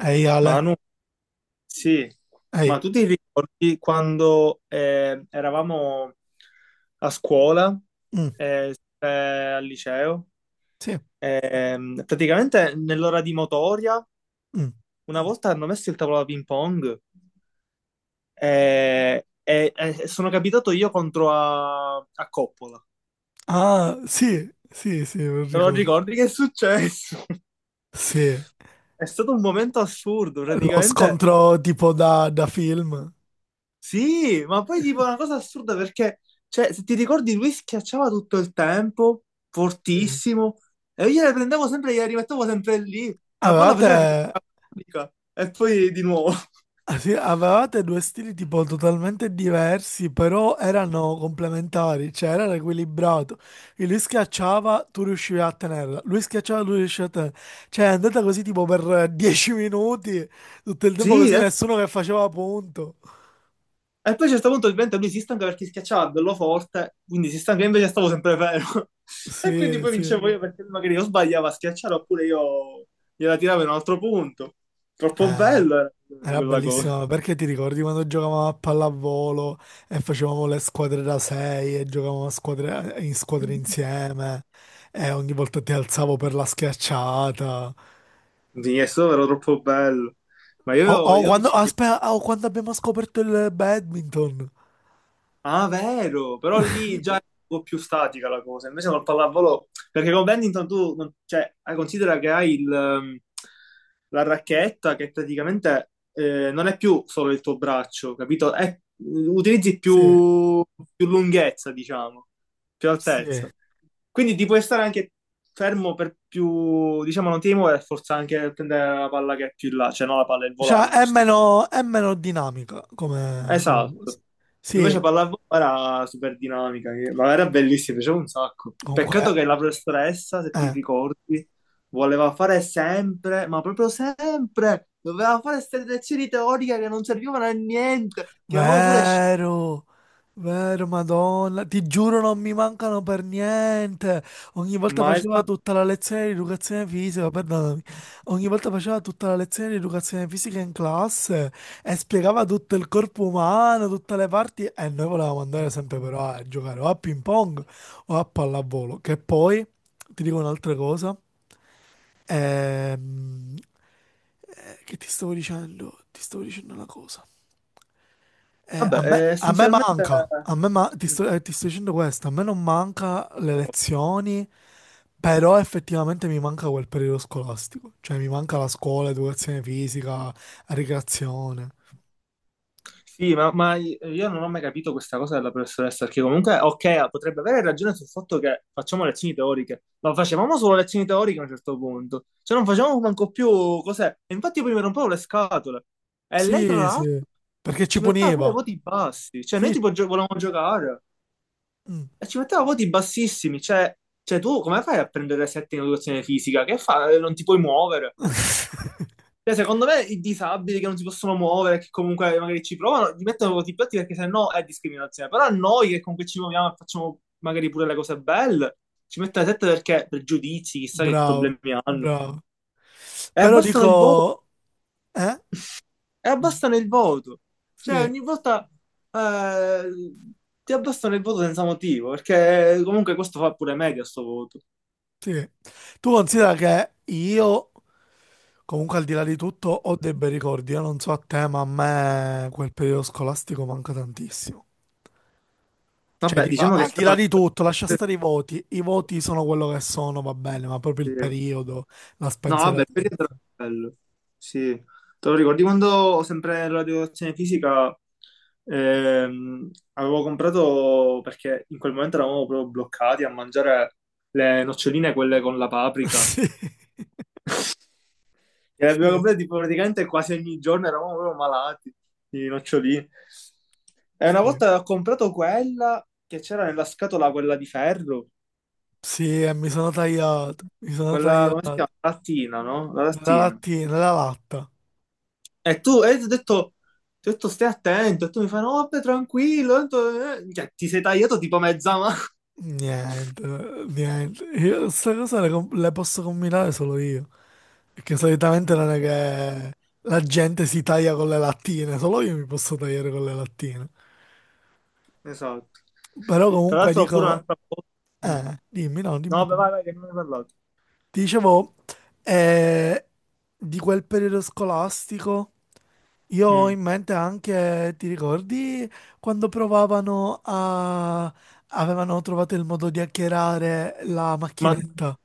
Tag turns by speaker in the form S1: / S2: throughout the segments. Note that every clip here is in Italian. S1: Ehi Ale,
S2: Manu, sì,
S1: ehi.
S2: ma tu ti ricordi quando eravamo a scuola,
S1: Mm,
S2: al liceo,
S1: sì,
S2: praticamente nell'ora di motoria,
S1: mm.
S2: una volta hanno messo il tavolo da ping pong e sono capitato io contro a Coppola.
S1: Ah, sì, sì, sì, non
S2: Te lo
S1: ricordo.
S2: ricordi che è successo?
S1: Sì,
S2: È stato un momento assurdo,
S1: lo
S2: praticamente.
S1: scontro tipo da film.
S2: Sì, ma poi tipo una cosa assurda perché, cioè, se ti ricordi, lui schiacciava tutto il tempo,
S1: Sì.
S2: fortissimo, e io le prendevo sempre e gliela rimettevo sempre lì. La palla faceva tipo
S1: Avevate,
S2: una fatica, e poi di nuovo.
S1: ah, sì, avevate due stili tipo totalmente diversi, però erano complementari, cioè era equilibrato. E lui schiacciava, tu riuscivi a tenerla. Lui schiacciava, tu riuscivi a tenerla. Cioè è andata così tipo per 10 minuti, tutto il tempo
S2: Sì,
S1: così, nessuno che faceva punto.
S2: e poi a un certo punto ovviamente lui si stanca perché schiacciava bello forte, quindi si stanca, io invece stavo sempre fermo. E quindi
S1: Sì,
S2: poi
S1: sì.
S2: vincevo io perché lui magari io sbagliava a schiacciare oppure io gliela tiravo in un altro punto. Troppo
S1: Eh,
S2: bello era
S1: Era
S2: quella cosa.
S1: bellissima perché ti ricordi quando giocavamo a pallavolo e facevamo le squadre da sei e giocavamo in squadre insieme e ogni volta ti alzavo per la schiacciata.
S2: Di Nessuno era troppo bello. Ma
S1: O
S2: io,
S1: o
S2: io mi
S1: quando,
S2: ci...
S1: aspetta, o quando abbiamo scoperto il badminton.
S2: Ah, vero! Però lì già è un po' più statica la cosa. Invece col pallavolo... Perché con badminton tu... Cioè, considera che hai il, la racchetta che praticamente non è più solo il tuo braccio, capito? Utilizzi
S1: Sì,
S2: più, più lunghezza, diciamo, più
S1: sì.
S2: altezza. Quindi ti puoi stare anche fermo per più... Diciamo, non ti devi muovere, forse anche prendere la palla che è più in là. Cioè, no, la palla è il
S1: Cioè
S2: volano in
S1: è
S2: questo.
S1: meno, è meno dinamica come cosa.
S2: Esatto.
S1: Sì,
S2: Invece pallavolo era super dinamica, ma era bellissima, piaceva un sacco. Peccato
S1: comunque,
S2: che la professoressa, se ti
S1: eh.
S2: ricordi, voleva fare sempre, ma proprio sempre, doveva fare queste lezioni teoriche che non servivano a niente, che avevamo pure scelto.
S1: Vero, vero, Madonna, ti giuro non mi mancano per niente. Ogni volta
S2: Ma
S1: faceva
S2: esatto,
S1: tutta la lezione di educazione fisica, perdonami. Ogni volta faceva tutta la lezione di educazione fisica in classe e spiegava tutto il corpo umano, tutte le parti e noi volevamo andare sempre però a giocare o a ping pong o a pallavolo. Che poi, ti dico un'altra cosa, ehm, che ti stavo dicendo? Ti stavo dicendo una cosa. Eh, a
S2: vabbè,
S1: me, a me
S2: essenzialmente...
S1: manca, ti
S2: Mm.
S1: sto, eh, ti sto dicendo questo, a me non manca le lezioni, però effettivamente mi manca quel periodo scolastico, cioè mi manca la scuola, educazione fisica, ricreazione.
S2: Sì, ma io non ho mai capito questa cosa della professoressa, perché comunque, ok, potrebbe avere ragione sul fatto che facciamo lezioni teoriche, ma facevamo solo lezioni teoriche a un certo punto, cioè non facevamo manco più cos'è. E infatti io poi mi rompevo le scatole. E lei, tra
S1: Sì,
S2: l'altro,
S1: sì, perché ci
S2: ci metteva pure
S1: puniva.
S2: voti bassi, cioè noi
S1: Sì.
S2: tipo volevamo giocare
S1: Mm.
S2: e ci metteva voti bassissimi, cioè, cioè tu come fai a prendere sette in educazione fisica? Che fai? Non ti puoi muovere. Cioè, secondo me i disabili che non si possono muovere, che comunque magari ci provano, li mettono contro i piatti perché sennò è discriminazione. Però a noi che comunque ci muoviamo e facciamo magari pure le cose belle, ci mettono sette perché pregiudizi, chissà che
S1: Bravo,
S2: problemi hanno.
S1: bravo.
S2: E
S1: Però
S2: abbassano il voto,
S1: dico, eh?
S2: e abbassano il voto. Cioè,
S1: Sì,
S2: ogni volta eh, ti abbassano il voto senza motivo, perché comunque questo fa pure media sto voto.
S1: sì. Tu considera che io. Comunque, al di là di tutto, ho dei bei ricordi. Io non so a te, ma a me quel periodo scolastico manca tantissimo. Cioè,
S2: Vabbè,
S1: dico,
S2: diciamo
S1: al
S2: che
S1: di là
S2: sono...
S1: di tutto, lascia stare i voti. I voti sono quello che sono, va bene, ma proprio il
S2: Sì.
S1: periodo, la
S2: No, vabbè, il periodo era
S1: spensieratezza.
S2: bello. Sì, te lo ricordi quando sempre la educazione fisica avevo comprato perché in quel momento eravamo proprio bloccati a mangiare le noccioline, quelle con la paprika. E le
S1: Sì,
S2: abbiamo
S1: sì,
S2: comprate tipo, praticamente quasi ogni giorno, eravamo proprio malati di noccioline. E una
S1: sì.
S2: volta ho comprato quella che c'era nella scatola, quella di ferro,
S1: Sì, e mi sono tagliato. Mi sono
S2: quella, come si
S1: tagliato.
S2: chiama? Lattina, no? La
S1: Nella
S2: lattina.
S1: lattina, nella latta.
S2: E tu, ti ho detto stai attento, e tu mi fai, no, vabbè, tranquillo, tanto, Cioè, ti sei tagliato tipo mezza mano.
S1: Niente, niente. Io questa cosa le posso combinare solo io. Perché solitamente
S2: Mm,
S1: non è che la gente si taglia con le lattine, solo io mi posso tagliare con le lattine.
S2: esatto.
S1: Però
S2: Tra
S1: comunque
S2: l'altro pure
S1: dico,
S2: un'altra cosa. Mm.
S1: dimmi, no, dimmi
S2: No,
S1: tu.
S2: vabbè, vai, vai, che non ne hai parlato.
S1: Ti dicevo, eh, di quel periodo scolastico, io ho
S2: Mm.
S1: in mente anche, ti ricordi quando provavano a, avevano trovato il modo di hackerare la
S2: Ma,
S1: macchinetta?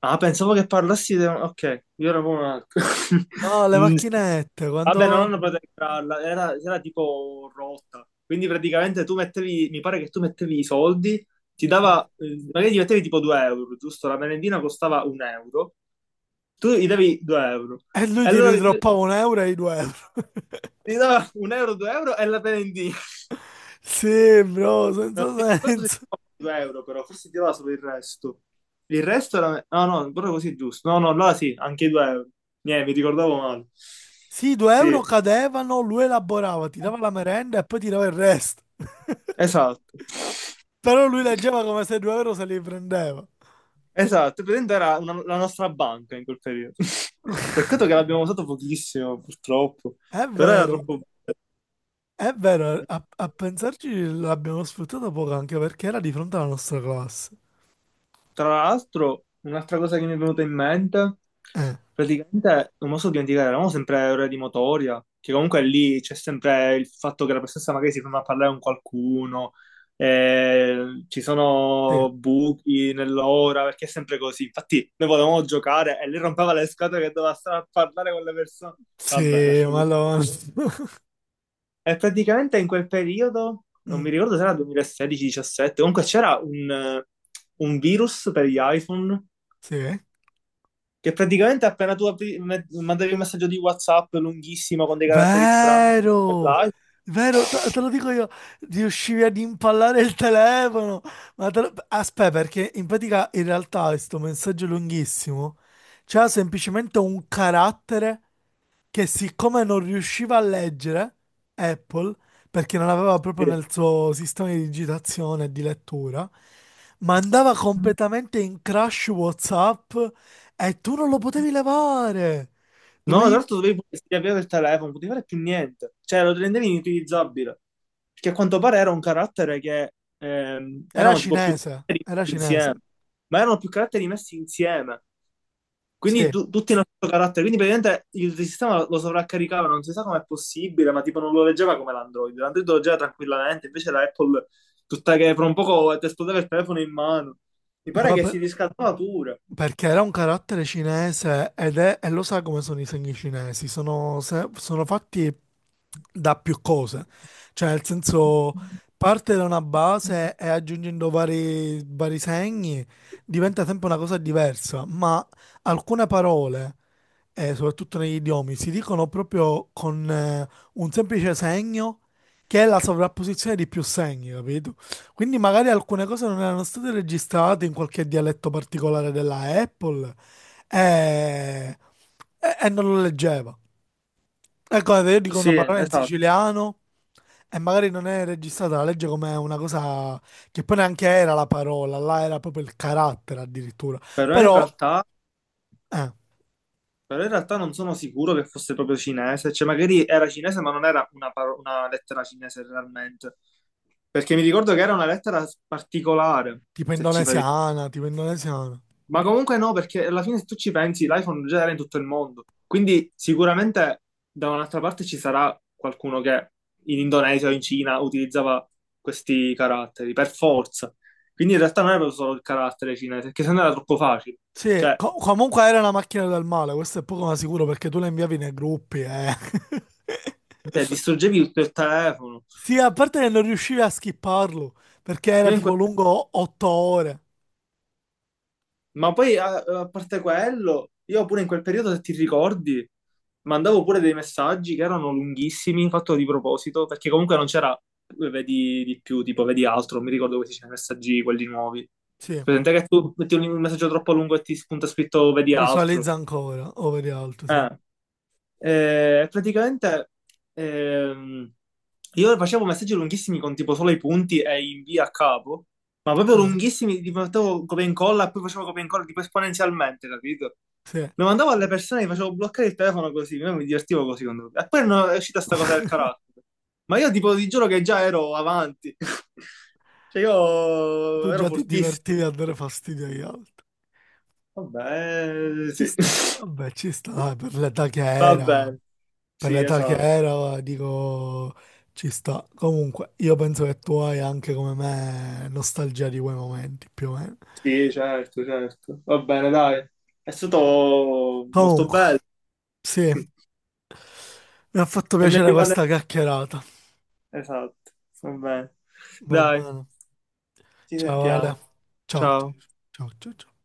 S2: ah, pensavo che parlassi di... Ok, io ero proprio un altro.
S1: No, le
S2: Mm, sì.
S1: macchinette,
S2: Vabbè, non
S1: quando.
S2: hanno potuto entrarla, era tipo rotta. Quindi praticamente tu mettevi, mi pare che tu mettevi i soldi, ti dava, magari gli mettevi tipo 2 euro, giusto? La merendina costava un euro, tu gli davi 2 euro.
S1: E lui
S2: E
S1: ti
S2: allora
S1: ridroppava un euro e i 2 euro.
S2: gli dava un euro, 2 euro e la prendi.
S1: Sì, bro,
S2: Non mi
S1: senza
S2: ricordo se
S1: senso.
S2: ti dava 2 euro, però forse ti dava solo il resto. Il resto era... No, no, proprio così è giusto. No, no, allora sì, anche i 2 euro. Niente, mi ricordavo male.
S1: Sì, i due
S2: Sì,
S1: euro cadevano, lui elaborava, ti dava la merenda e poi ti dava il resto.
S2: esatto.
S1: Però lui leggeva come se i 2 euro se li prendeva.
S2: Esatto, praticamente era la nostra banca in quel periodo. Peccato che l'abbiamo usato pochissimo, purtroppo.
S1: È
S2: Però era
S1: vero,
S2: troppo...
S1: è vero, a pensarci l'abbiamo sfruttata poco anche perché era di fronte alla nostra classe.
S2: Tra l'altro, un'altra cosa che mi è venuta in mente,
S1: Eh,
S2: praticamente non posso dimenticare, eravamo sempre ore di motoria, che comunque lì c'è sempre il fatto che la professoressa magari si ferma a parlare con qualcuno, ci
S1: sì,
S2: sono buchi nell'ora, perché è sempre così. Infatti noi volevamo giocare e lei rompeva le scatole che doveva stare a parlare con le persone. Vabbè,
S1: sì,
S2: lasciamo
S1: ma lo.
S2: perdere. E praticamente in quel periodo, non
S1: Mm,
S2: mi ricordo se era 2016-17, comunque c'era un virus per gli iPhone
S1: sì.
S2: che praticamente appena tu mandavi un messaggio di WhatsApp lunghissimo con dei caratteri strani,
S1: Vero,
S2: là,
S1: vero, te lo dico io, riuscivi ad impallare il telefono. Aspetta, perché in pratica in realtà questo messaggio lunghissimo c'ha semplicemente un carattere che siccome non riusciva a leggere Apple, perché non aveva
S2: sì.
S1: proprio nel suo sistema di digitazione e di lettura, mandava completamente in crash WhatsApp e tu non lo potevi levare.
S2: No, tra
S1: Dovevi.
S2: l'altro dovevi pure riavviare il telefono, non potevi fare più niente. Cioè, lo rendevi inutilizzabile. Perché a quanto pare era un carattere che
S1: Era
S2: erano tipo più
S1: cinese,
S2: caratteri
S1: era
S2: messi
S1: cinese.
S2: insieme, ma erano più caratteri messi insieme. Quindi
S1: Sì,
S2: tutti hanno questo carattere, quindi praticamente il sistema lo sovraccaricava, non si sa com'è possibile, ma tipo non lo leggeva come l'Android, l'Android lo leggeva tranquillamente, invece la Apple tutta che per un poco ti esplodeva il telefono in mano. Mi pare
S1: proprio
S2: che si riscaldava pure.
S1: perché era un carattere cinese ed è, e lo sa come sono i segni cinesi, sono, se- sono fatti da più cose. Cioè, nel senso, parte da una base e aggiungendo vari segni diventa sempre una cosa diversa, ma alcune parole, soprattutto negli idiomi, si dicono proprio con un semplice segno che è la sovrapposizione di più segni, capito? Quindi magari alcune cose non erano state registrate in qualche dialetto particolare della Apple e, e non lo leggeva. Ecco, guarda, io dico
S2: Sì,
S1: una parola in
S2: esatto,
S1: siciliano e magari non è registrata la legge come una cosa che poi neanche era la parola, là era proprio il carattere addirittura.
S2: però in
S1: Però,
S2: realtà,
S1: eh,
S2: però in realtà non sono sicuro che fosse proprio cinese, cioè magari era cinese ma non era una, una lettera cinese realmente, perché mi ricordo che era una lettera particolare,
S1: tipo
S2: se ci fai...
S1: indonesiana, tipo indonesiana.
S2: Ma comunque no, perché alla fine se tu ci pensi, l'iPhone già era in tutto il mondo. Quindi sicuramente da un'altra parte ci sarà qualcuno che in Indonesia o in Cina utilizzava questi caratteri, per forza. Quindi in realtà non era proprio solo il carattere cinese, perché sennò era troppo facile.
S1: Sì,
S2: Cioè,
S1: comunque era una macchina del male, questo è poco ma sicuro perché tu la inviavi nei gruppi, eh.
S2: te distruggevi tutto il telefono.
S1: Sì, a parte che non riuscivi a skipparlo perché era
S2: Io in
S1: tipo
S2: quel...
S1: lungo 8 ore.
S2: Ma poi a parte quello, io pure in quel periodo, se ti ricordi, mandavo pure dei messaggi che erano lunghissimi, fatto di proposito, perché comunque non c'era, vedi di più, tipo vedi altro, non mi ricordo questi c'erano i messaggi, quelli nuovi.
S1: Sì,
S2: Presente che tu metti un messaggio troppo lungo e ti spunta scritto vedi altro.
S1: visualizza ancora, over alto, sì.
S2: Eh. Praticamente ehm, io facevo messaggi lunghissimi con tipo solo i punti e invia a capo, ma proprio
S1: Cioè,
S2: lunghissimi, tipo facevo copia e incolla e poi facevo copia e incolla tipo esponenzialmente, capito?
S1: sì.
S2: Lo mandavo alle persone, gli facevo bloccare il telefono così, io mi divertivo così con lui. E poi non è uscita sta cosa del carattere. Ma io tipo ti giuro che già ero avanti. Cioè io
S1: Tu
S2: ero
S1: già ti
S2: fortissimo.
S1: divertivi a dare fastidio agli altri.
S2: Vabbè,
S1: Ci
S2: sì.
S1: sta, vabbè, ci sta, dai, per l'età che
S2: Va
S1: era,
S2: bene,
S1: per
S2: sì,
S1: l'età che
S2: esatto.
S1: era, dico, ci sta. Comunque, io penso che tu hai anche come me nostalgia di quei momenti, più o meno.
S2: Sì, certo, certo. Va bene, dai. È stato molto
S1: Comunque,
S2: bello.
S1: sì, mi ha fatto
S2: E ne
S1: piacere questa
S2: riparleremo.
S1: chiacchierata.
S2: Esatto, va bene.
S1: Va
S2: Dai,
S1: bene.
S2: ci
S1: Ciao Ale.
S2: sentiamo.
S1: Ciao, ciao,
S2: Ciao.
S1: ciao, ciao, ciao.